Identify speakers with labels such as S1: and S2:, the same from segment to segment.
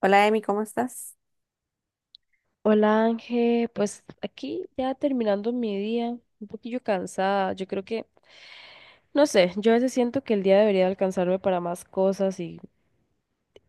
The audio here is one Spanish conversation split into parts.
S1: Hola, Emi, ¿cómo estás?
S2: Hola Ángel, pues aquí ya terminando mi día, un poquillo cansada. Yo creo que, no sé, yo a veces siento que el día debería alcanzarme para más cosas y,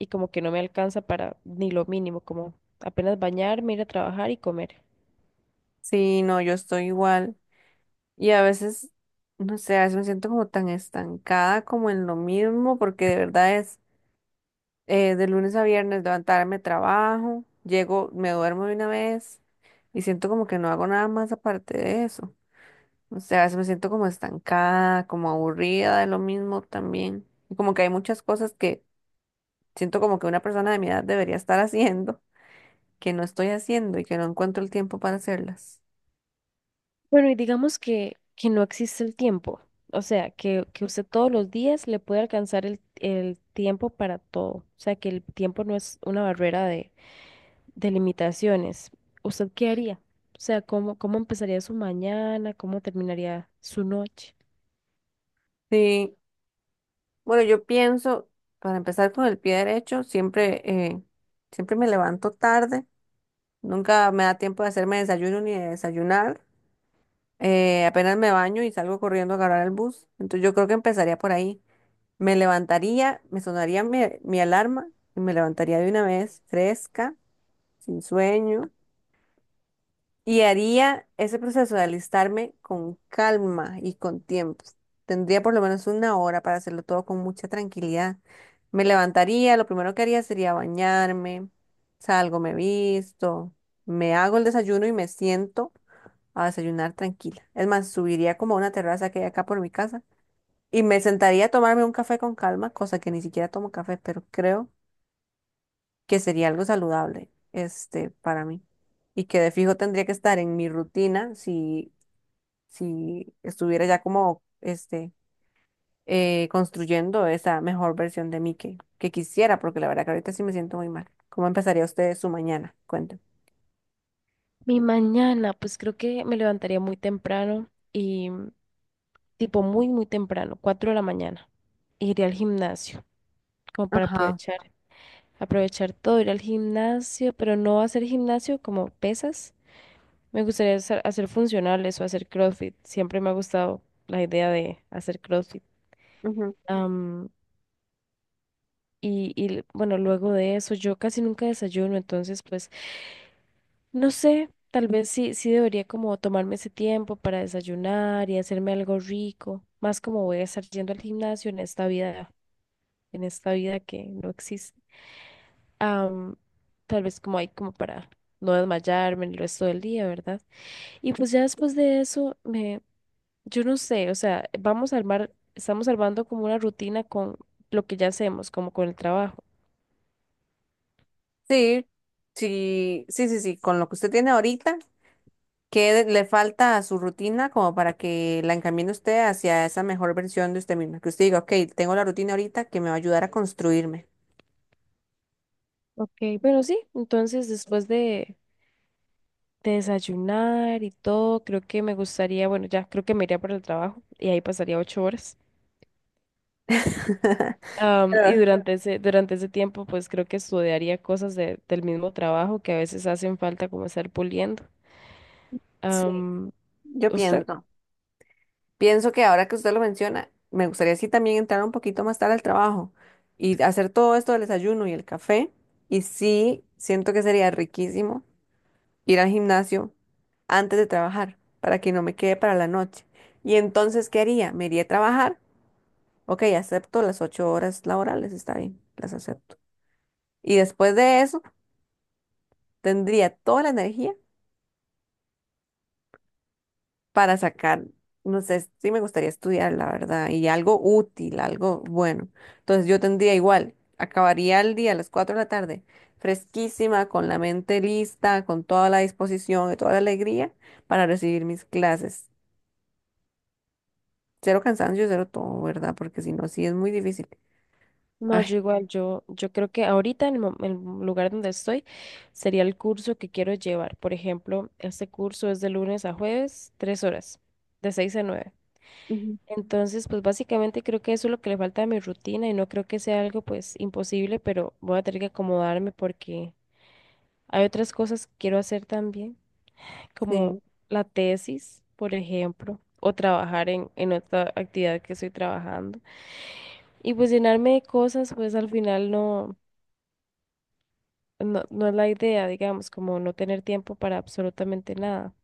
S2: y como que no me alcanza para ni lo mínimo, como apenas bañarme, ir a trabajar y comer.
S1: Sí, no, yo estoy igual. Y a veces, no sé, a veces me siento como tan estancada como en lo mismo, porque de verdad es de lunes a viernes levantarme trabajo, llego, me duermo de una vez y siento como que no hago nada más aparte de eso. O sea, a veces me siento como estancada, como aburrida de lo mismo también. Y como que hay muchas cosas que siento como que una persona de mi edad debería estar haciendo, que no estoy haciendo y que no encuentro el tiempo para hacerlas.
S2: Bueno, y digamos que no existe el tiempo, o sea, que usted todos los días le puede alcanzar el tiempo para todo, o sea, que el tiempo no es una barrera. Delimitaciones. ¿Usted qué haría? O sea, ¿cómo, cómo empezaría su mañana? ¿Cómo terminaría su noche?
S1: Sí. Bueno, yo pienso, para empezar con el pie derecho, siempre, siempre me levanto tarde, nunca me da tiempo de hacerme desayuno ni de desayunar, apenas me baño y salgo corriendo a agarrar el bus, entonces yo creo que empezaría por ahí. Me levantaría, me sonaría mi alarma y me levantaría de una vez fresca, sin sueño. Y haría ese proceso de alistarme con calma y con tiempo. Tendría por lo menos una hora para hacerlo todo con mucha tranquilidad. Me levantaría, lo primero que haría sería bañarme, salgo, me visto, me hago el desayuno y me siento a desayunar tranquila. Es más, subiría como a una terraza que hay acá por mi casa y me sentaría a tomarme un café con calma, cosa que ni siquiera tomo café, pero creo que sería algo saludable, este, para mí y que de fijo tendría que estar en mi rutina si si estuviera ya como este construyendo esa mejor versión de mí que quisiera, porque la verdad que ahorita sí me siento muy mal. ¿Cómo empezaría usted su mañana? Cuéntame.
S2: Mi mañana, pues creo que me levantaría muy temprano y tipo muy, muy temprano, 4 de la mañana. Iría al gimnasio, como para
S1: Ajá.
S2: aprovechar, aprovechar todo, ir al gimnasio, pero no hacer gimnasio como pesas. Me gustaría hacer, hacer funcionales o hacer CrossFit. Siempre me ha gustado la idea de hacer CrossFit.
S1: Ujú.
S2: Y bueno, luego de eso, yo casi nunca desayuno, entonces pues no sé, tal vez sí debería como tomarme ese tiempo para desayunar y hacerme algo rico, más como voy a estar yendo al gimnasio en esta vida que no existe. Am, Tal vez como hay como para no desmayarme el resto del día, ¿verdad? Y pues ya después de eso, me, yo no sé, o sea, vamos a armar, estamos armando como una rutina con lo que ya hacemos, como con el trabajo.
S1: Sí, sí, sí, sí, sí, con lo que usted tiene ahorita, ¿qué de- le falta a su rutina como para que la encamine usted hacia esa mejor versión de usted misma? Que usted diga, ok, tengo la rutina ahorita que me va a ayudar a construirme.
S2: Ok, bueno, sí, entonces después de desayunar y todo, creo que me gustaría, bueno, ya creo que me iría para el trabajo y ahí pasaría 8 horas. Y
S1: Pero,
S2: durante ese tiempo, pues creo que estudiaría cosas del mismo trabajo que a veces hacen falta como estar puliendo.
S1: sí,
S2: Am,
S1: yo
S2: ¿Usted?
S1: pienso. Pienso que ahora que usted lo menciona, me gustaría sí también entrar un poquito más tarde al trabajo y hacer todo esto del desayuno y el café. Y sí, siento que sería riquísimo ir al gimnasio antes de trabajar para que no me quede para la noche. Y entonces, ¿qué haría? Me iría a trabajar. Ok, acepto las 8 horas laborales, está bien, las acepto. Y después de eso, tendría toda la energía para sacar, no sé, sí me gustaría estudiar, la verdad, y algo útil, algo bueno. Entonces yo tendría igual, acabaría el día a las 4 de la tarde, fresquísima, con la mente lista, con toda la disposición y toda la alegría para recibir mis clases. Cero cansancio, cero todo, ¿verdad? Porque si no, sí es muy difícil.
S2: No,
S1: Ay,
S2: yo igual, yo creo que ahorita en el, el lugar donde estoy sería el curso que quiero llevar. Por ejemplo, este curso es de lunes a jueves, 3 horas, de 6 a 9.
S1: ujú,
S2: Entonces, pues básicamente creo que eso es lo que le falta a mi rutina y no creo que sea algo pues imposible, pero voy a tener que acomodarme porque hay otras cosas que quiero hacer también, como
S1: sí.
S2: la tesis, por ejemplo, o trabajar en otra actividad que estoy trabajando. Y pues llenarme de cosas, pues al final no es la idea, digamos, como no tener tiempo para absolutamente nada.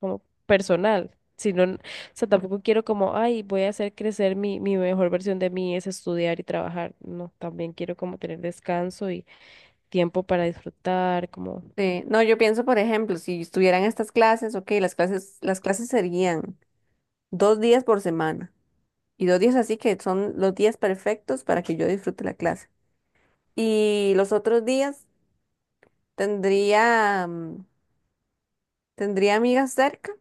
S2: Como personal, sino, o sea, tampoco quiero como, ay, voy a hacer crecer mi mejor versión de mí es estudiar y trabajar, no, también quiero como tener descanso y tiempo para disfrutar, como,
S1: Sí. No, yo pienso, por ejemplo, si estuvieran estas clases, ok, las clases serían 2 días por semana. Y 2 días así que son los días perfectos para que yo disfrute la clase. Y los otros días tendría, tendría amigas cerca.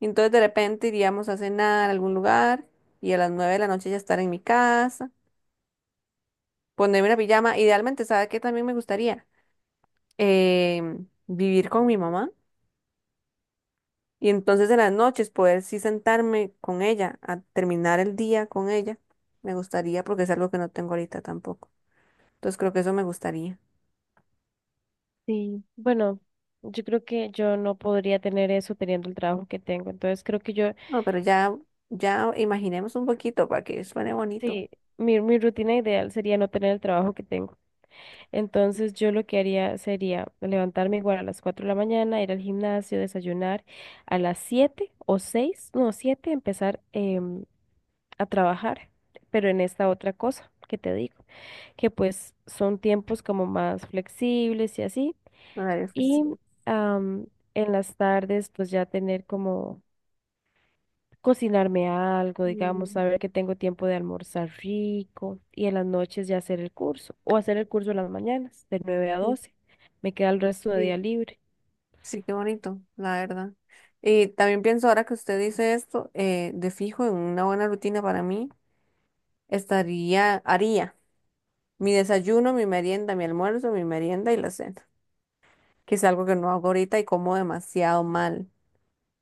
S1: Y entonces de repente iríamos a cenar a algún lugar y a las 9 de la noche ya estar en mi casa, ponerme una pijama. Idealmente, ¿sabe qué también me gustaría? Eh, Vivir con mi mamá. Y entonces en las noches poder sí sentarme con ella, a terminar el día con ella. Me gustaría porque es algo que no tengo ahorita tampoco. Entonces creo que eso me gustaría.
S2: sí, bueno, yo creo que yo no podría tener eso teniendo el trabajo que tengo, entonces creo que yo,
S1: No, pero ya, ya imaginemos un poquito para que suene bonito.
S2: sí. Mi rutina ideal sería no tener el trabajo que tengo. Entonces yo lo que haría sería levantarme igual a las 4 de la mañana, ir al gimnasio, desayunar, a las 7 o 6, no, 7, empezar a trabajar, pero en esta otra cosa que te digo, que pues son tiempos como más flexibles y así.
S1: La verdad es que
S2: Y
S1: sí.
S2: am, en las tardes pues ya tener como cocinarme algo, digamos,
S1: Mm,
S2: saber que tengo tiempo de almorzar rico y en las noches ya hacer el curso o hacer el curso en las mañanas de nueve a
S1: sí,
S2: doce, Me queda el resto de
S1: sí.
S2: día libre.
S1: Sí, qué bonito, la verdad. Y también pienso ahora que usted dice esto, de fijo, en una buena rutina para mí, estaría, haría mi desayuno, mi merienda, mi almuerzo, mi merienda y la cena, que es algo que no hago ahorita y como demasiado mal.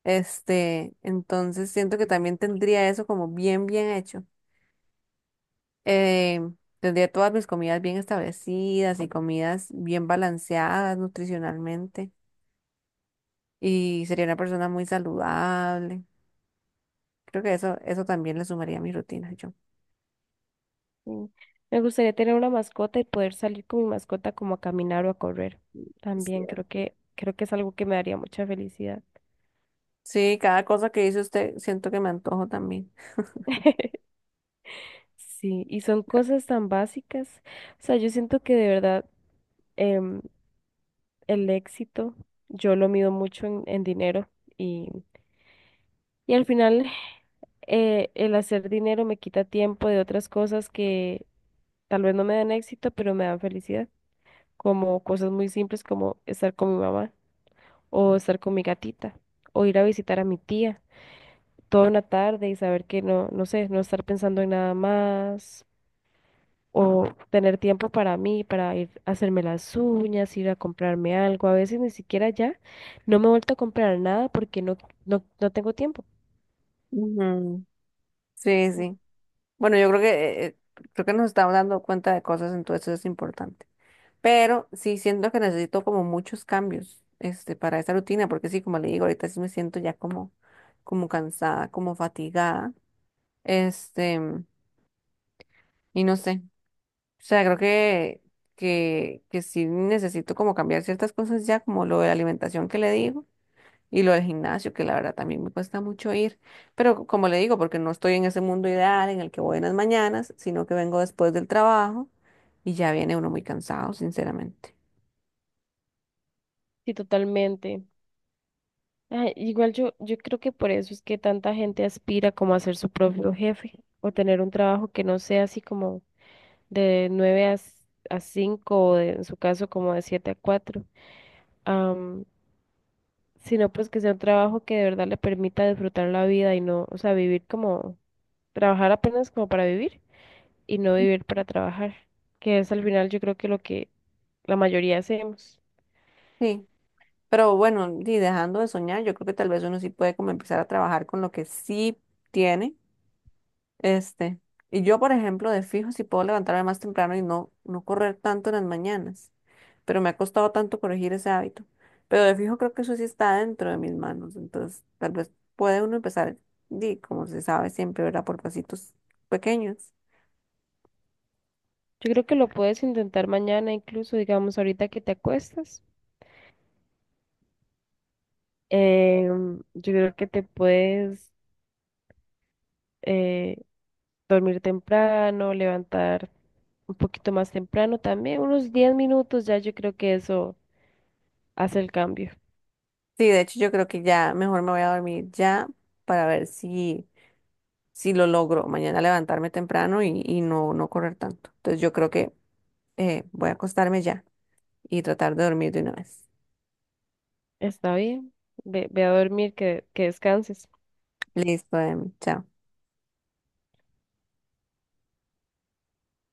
S1: Este, entonces siento que también tendría eso como bien, bien hecho. Eh, Tendría todas mis comidas bien establecidas y comidas bien balanceadas nutricionalmente. Y sería una persona muy saludable. Creo que eso también le sumaría a mi rutina, yo.
S2: Mm. Me gustaría tener una mascota y poder salir con mi mascota como a caminar o a correr.
S1: Es
S2: También
S1: cierto.
S2: creo que es algo que me daría mucha felicidad.
S1: Sí, cada cosa que dice usted, siento que me antojo también.
S2: Sí, y son cosas tan básicas. O sea, yo siento que de verdad em, el éxito yo lo mido mucho en dinero y, y al final el hacer dinero me quita tiempo de otras cosas que tal vez no me dan éxito, pero me dan felicidad, como cosas muy simples como estar con mi mamá o estar con mi gatita o ir a visitar a mi tía toda una tarde y saber que no, no sé, no estar pensando en nada más. O tener tiempo para mí, para ir a hacerme las uñas, ir a comprarme algo. A veces ni siquiera ya no me he vuelto a comprar nada porque no tengo tiempo.
S1: Ujú. Sí, sí. Bueno, yo creo que nos estamos dando cuenta de cosas, entonces eso es importante. Pero sí siento que necesito como muchos cambios este, para esa rutina, porque sí, como le digo, ahorita sí me siento ya como, como cansada, como fatigada. Este, y no sé. O sea, creo que sí necesito como cambiar ciertas cosas ya, como lo de la alimentación que le digo, y lo del gimnasio, que la verdad también me cuesta mucho ir. Pero co- como le digo, porque no estoy en ese mundo ideal en el que voy en las mañanas, sino que vengo después del trabajo y ya viene uno muy cansado, sinceramente.
S2: Sí, totalmente. Ay, igual yo, yo creo que por eso es que tanta gente aspira como a ser su propio jefe o tener un trabajo que no sea así como de 9 a, a 5 o en su caso como de 7 a cuatro, am, sino pues que sea un trabajo que de verdad le permita disfrutar la vida y no, o sea, vivir como trabajar apenas como para vivir y no vivir para trabajar, que es al final yo creo que lo que la mayoría hacemos.
S1: Sí. Pero bueno, y dejando de soñar, yo creo que tal vez uno sí puede como empezar a trabajar con lo que sí tiene, este. Y yo, por ejemplo, de fijo, sí puedo levantarme más temprano y no, no correr tanto en las mañanas. Pero me ha costado tanto corregir ese hábito. Pero de fijo creo que eso sí está dentro de mis manos. Entonces, tal vez puede uno empezar, di, como se sabe siempre, ¿verdad? Por pasitos pequeños.
S2: Yo creo que lo puedes intentar mañana, incluso digamos ahorita que te acuestas. Yo creo que te puedes eh, dormir temprano, levantar un poquito más temprano también, unos 10 minutos ya yo creo que eso hace el cambio.
S1: Sí, de hecho, yo creo que ya mejor me voy a dormir ya para ver si si lo logro mañana levantarme temprano y no, no correr tanto. Entonces yo creo que voy a acostarme ya y tratar de dormir de una vez.
S2: Está bien, ve, ve a dormir, que descanses.
S1: Listo, Em, chao.